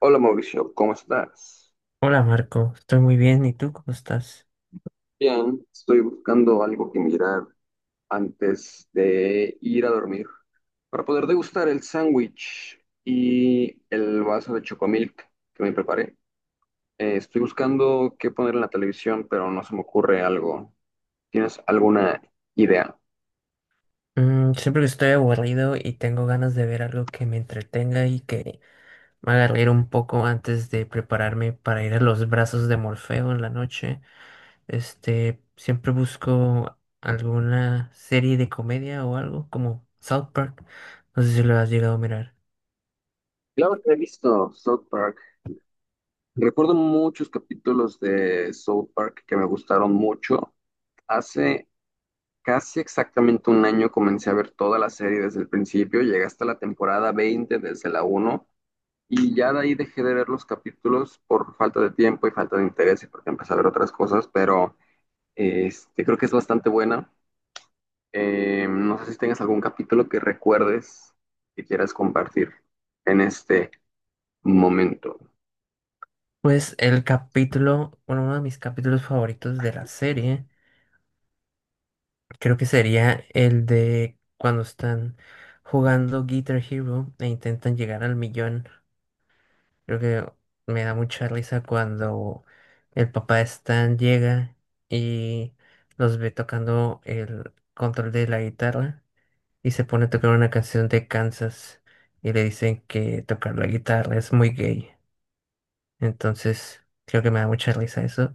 Hola Mauricio, ¿cómo estás? Hola Marco, estoy muy bien. ¿Y tú cómo estás? Bien, estoy buscando algo que mirar antes de ir a dormir para poder degustar el sándwich y el vaso de chocomilk que me preparé. Estoy buscando qué poner en la televisión, pero no se me ocurre algo. ¿Tienes alguna idea? Siempre que estoy aburrido y tengo ganas de ver algo que me entretenga y que me haga reír un poco antes de prepararme para ir a los brazos de Morfeo en la noche, siempre busco alguna serie de comedia o algo como South Park. No sé si lo has llegado a mirar. Claro que he visto South Park. Recuerdo muchos capítulos de South Park que me gustaron mucho. Hace Casi exactamente un año comencé a ver toda la serie desde el principio, llegué hasta la temporada 20 desde la 1, y ya de ahí dejé de ver los capítulos por falta de tiempo y falta de interés y porque empecé a ver otras cosas, pero creo que es bastante buena. No sé si tengas algún capítulo que recuerdes que quieras compartir en este momento. Pues el capítulo, bueno, uno de mis capítulos favoritos de la serie. Creo que sería el de cuando están jugando Guitar Hero e intentan llegar al millón. Creo que me da mucha risa cuando el papá de Stan llega y los ve tocando el control de la guitarra, y se pone a tocar una canción de Kansas, y le dicen que tocar la guitarra es muy gay. Entonces, creo que me da mucha risa eso.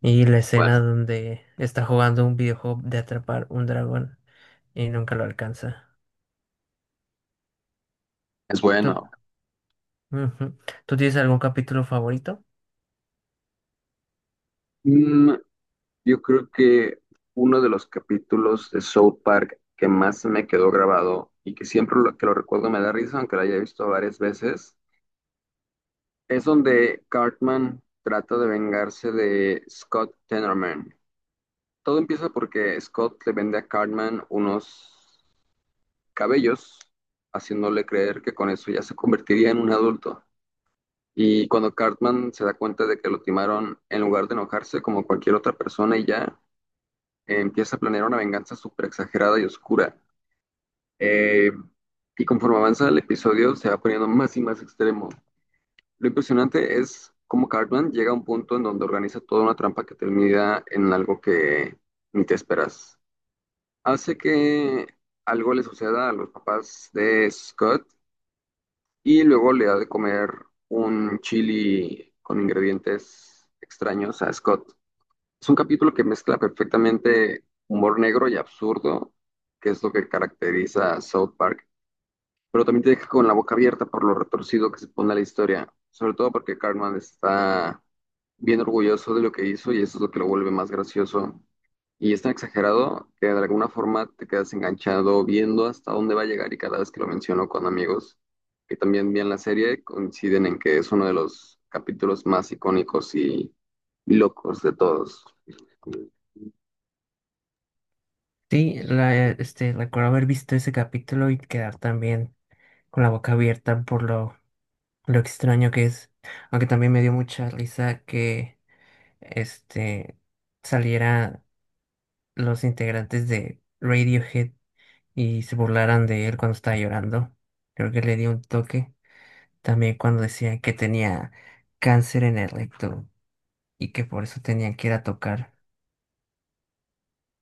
Y la Bueno, escena donde está jugando un videojuego de atrapar un dragón y nunca lo alcanza. es ¿Tú, bueno. Ujú. ¿Tú tienes algún capítulo favorito? Mm, Yo creo que uno de los capítulos de South Park que más me quedó grabado y que siempre que lo recuerdo me da risa, aunque lo haya visto varias veces, es donde Cartman trata de vengarse de Scott Tenorman. Todo empieza porque Scott le vende a Cartman unos cabellos, haciéndole creer que con eso ya se convertiría en un adulto. Y cuando Cartman se da cuenta de que lo timaron, en lugar de enojarse como cualquier otra persona y ya, empieza a planear una venganza súper exagerada y oscura. Eh, y conforme avanza el episodio, se va poniendo más y más extremo. Lo impresionante es cómo Cartman llega a un punto en donde organiza toda una trampa que termina en algo que ni te esperas. Hace que algo le suceda a los papás de Scott y luego le da de comer un chili con ingredientes extraños a Scott. Es un capítulo que mezcla perfectamente humor negro y absurdo, que es lo que caracteriza a South Park, pero también te deja con la boca abierta por lo retorcido que se pone la historia, sobre todo porque Cartman está bien orgulloso de lo que hizo y eso es lo que lo vuelve más gracioso. Y es tan exagerado que de alguna forma te quedas enganchado viendo hasta dónde va a llegar, y cada vez que lo menciono con amigos que también ven la serie coinciden en que es uno de los capítulos más icónicos y locos de todos. Sí, recuerdo haber visto ese capítulo y quedar también con la boca abierta por lo extraño que es. Aunque también me dio mucha risa que este, saliera los integrantes de Radiohead y se burlaran de él cuando estaba llorando. Creo que le dio un toque. También cuando decían que tenía cáncer en el recto y que por eso tenían que ir a tocar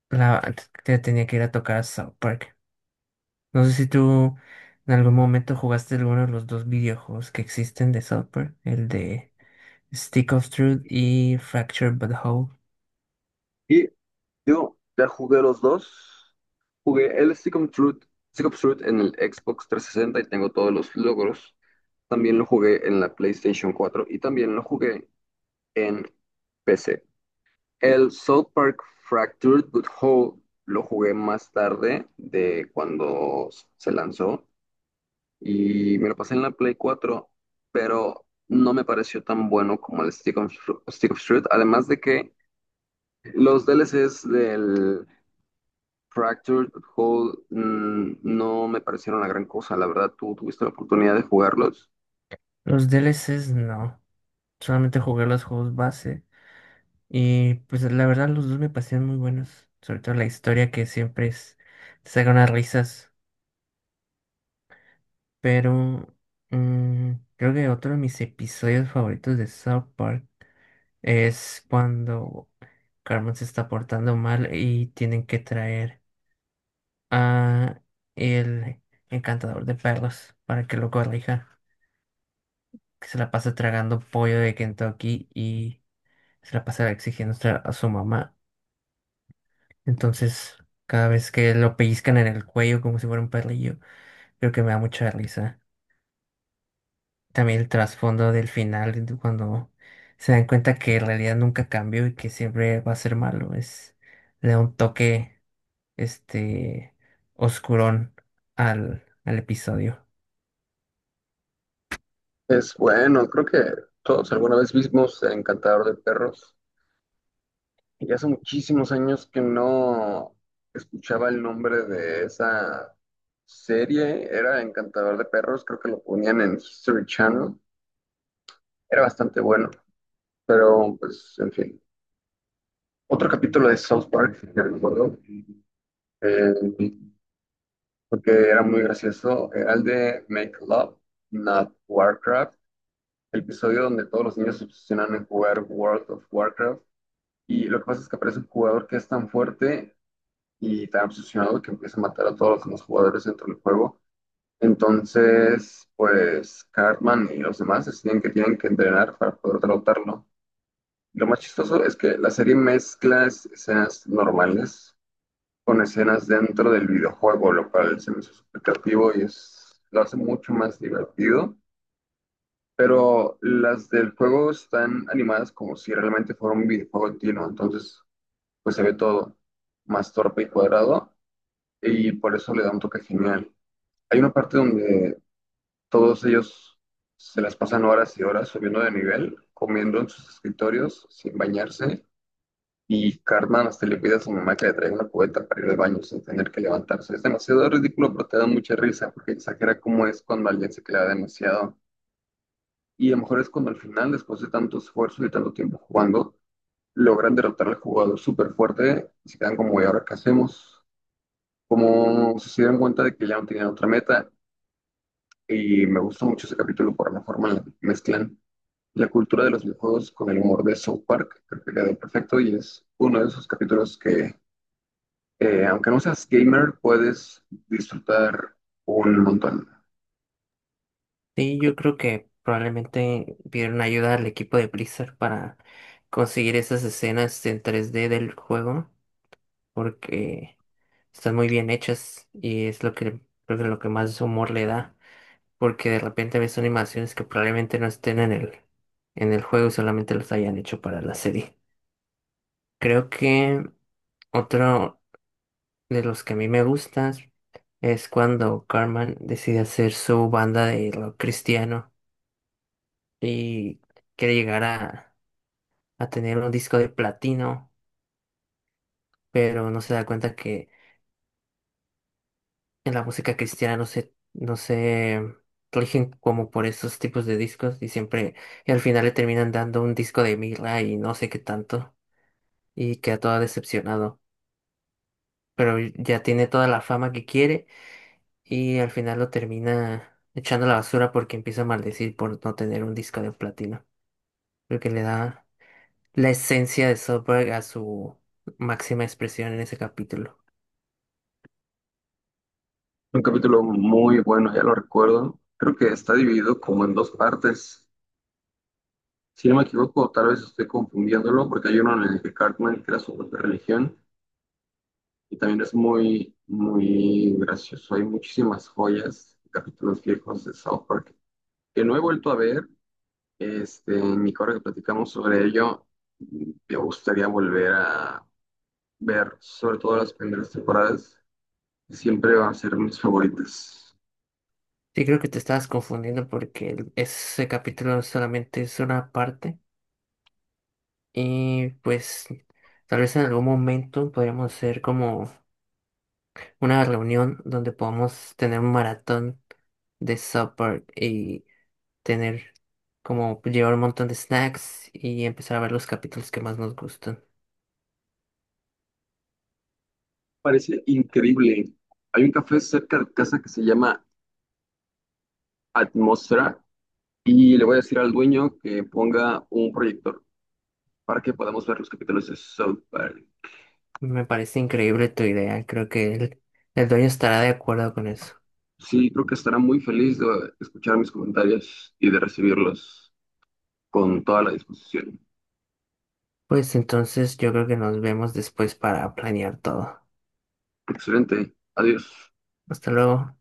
la tenía que ir a tocar a South Park. No sé si tú en algún momento jugaste alguno de los dos videojuegos que existen de South Park, el de Stick of Truth y Fractured But Whole. Y yo ya jugué los dos. Jugué el Stick of Truth en el Xbox 360 y tengo todos los logros. También lo jugué en la PlayStation 4 y también lo jugué en PC. El South Park Fractured But Whole lo jugué más tarde de cuando se lanzó y me lo pasé en la Play 4, pero no me pareció tan bueno como el Stick of Truth. Además de que los DLCs del Fractured Hold no me parecieron la gran cosa, la verdad. ¿Tú tuviste la oportunidad de jugarlos? Los DLCs no, solamente jugué los juegos base, y pues la verdad los dos me parecieron muy buenos, sobre todo la historia, que siempre es te saca unas risas. Pero creo que otro de mis episodios favoritos de South Park es cuando Carmen se está portando mal y tienen que traer a el encantador de perros para que lo corrija, que se la pasa tragando pollo de Kentucky y se la pasa exigiendo a su mamá. Entonces, cada vez que lo pellizcan en el cuello como si fuera un perrillo, creo que me da mucha risa. También el trasfondo del final, de cuando se dan cuenta que en realidad nunca cambió y que siempre va a ser malo, es le da un toque este oscurón al episodio. Es bueno, creo que todos alguna vez vimos Encantador de Perros. Y hace muchísimos años que no escuchaba el nombre de esa serie. Era Encantador de Perros, creo que lo ponían en History Channel. Era bastante bueno, pero pues, en fin. Otro capítulo de South Park que recuerdo, porque era muy gracioso, era el de Make Love, Not Warcraft, el episodio donde todos los niños se obsesionan en jugar World of Warcraft. Y lo que pasa es que aparece un jugador que es tan fuerte y tan obsesionado que empieza a matar a todos los demás jugadores dentro del juego. Entonces, pues Cartman y los demás deciden que tienen que entrenar para poder derrotarlo. Lo más chistoso es que la serie mezcla escenas normales con escenas dentro del videojuego, lo cual se me hizo súper creativo y es, lo hace mucho más divertido. Pero las del juego están animadas como si realmente fuera un videojuego en tino, entonces pues se ve todo más torpe y cuadrado, y por eso le da un toque genial. Hay una parte donde todos ellos se las pasan horas y horas subiendo de nivel, comiendo en sus escritorios sin bañarse. Y Cartman hasta le pide a su mamá que le traiga una cubeta para ir al baño sin tener que levantarse. Es demasiado ridículo, pero te da mucha risa porque exagera cómo es cuando alguien se clava demasiado. Y a lo mejor es cuando al final, después de tanto esfuerzo y tanto tiempo jugando, logran derrotar al jugador súper fuerte y se quedan como, ¿y ahora qué hacemos? Como si se dieron cuenta de que ya no tenían otra meta. Y me gusta mucho ese capítulo por la forma en la que mezclan la cultura de los videojuegos con el humor de South Park. Creo que quedó perfecto y es uno de esos capítulos que, aunque no seas gamer, puedes disfrutar un montón. Sí, yo creo que probablemente pidieron ayuda al equipo de Blizzard para conseguir esas escenas en 3D del juego, porque están muy bien hechas, y es lo que creo que lo que más humor le da. Porque de repente ves animaciones que probablemente no estén en el juego, y solamente los hayan hecho para la serie. Creo que otro de los que a mí me gustan es cuando Carmen decide hacer su banda de rock cristiano y quiere llegar a tener un disco de platino, pero no se da cuenta que en la música cristiana no se rigen como por esos tipos de discos, y siempre, y al final le terminan dando un disco de mirra y no sé qué tanto, y queda todo decepcionado. Pero ya tiene toda la fama que quiere, y al final lo termina echando a la basura porque empieza a maldecir por no tener un disco de platino. Lo que le da la esencia de Soberg a su máxima expresión en ese capítulo. Un capítulo muy bueno, ya lo recuerdo. Creo que está dividido como en dos partes. Si no me equivoco, tal vez estoy confundiéndolo, porque hay uno en el que Cartman crea su propia religión y también es muy, muy gracioso. Hay muchísimas joyas, capítulos viejos de South Park que no he vuelto a ver. En mi correo que platicamos sobre ello, me gustaría volver a ver sobre todo las primeras temporadas. Siempre va a ser mis favoritas. Sí, creo que te estabas confundiendo porque ese capítulo solamente es una parte, y pues tal vez en algún momento podríamos hacer como una reunión donde podamos tener un maratón de supper y tener, como, llevar un montón de snacks y empezar a ver los capítulos que más nos gustan. Parece increíble. Hay un café cerca de casa que se llama Atmósfera y le voy a decir al dueño que ponga un proyector para que podamos ver los capítulos de South Park. Me parece increíble tu idea, creo que el dueño estará de acuerdo con eso. Sí, creo que estará muy feliz de escuchar mis comentarios y de recibirlos con toda la disposición. Pues entonces yo creo que nos vemos después para planear todo. Excelente. Adiós. Hasta luego.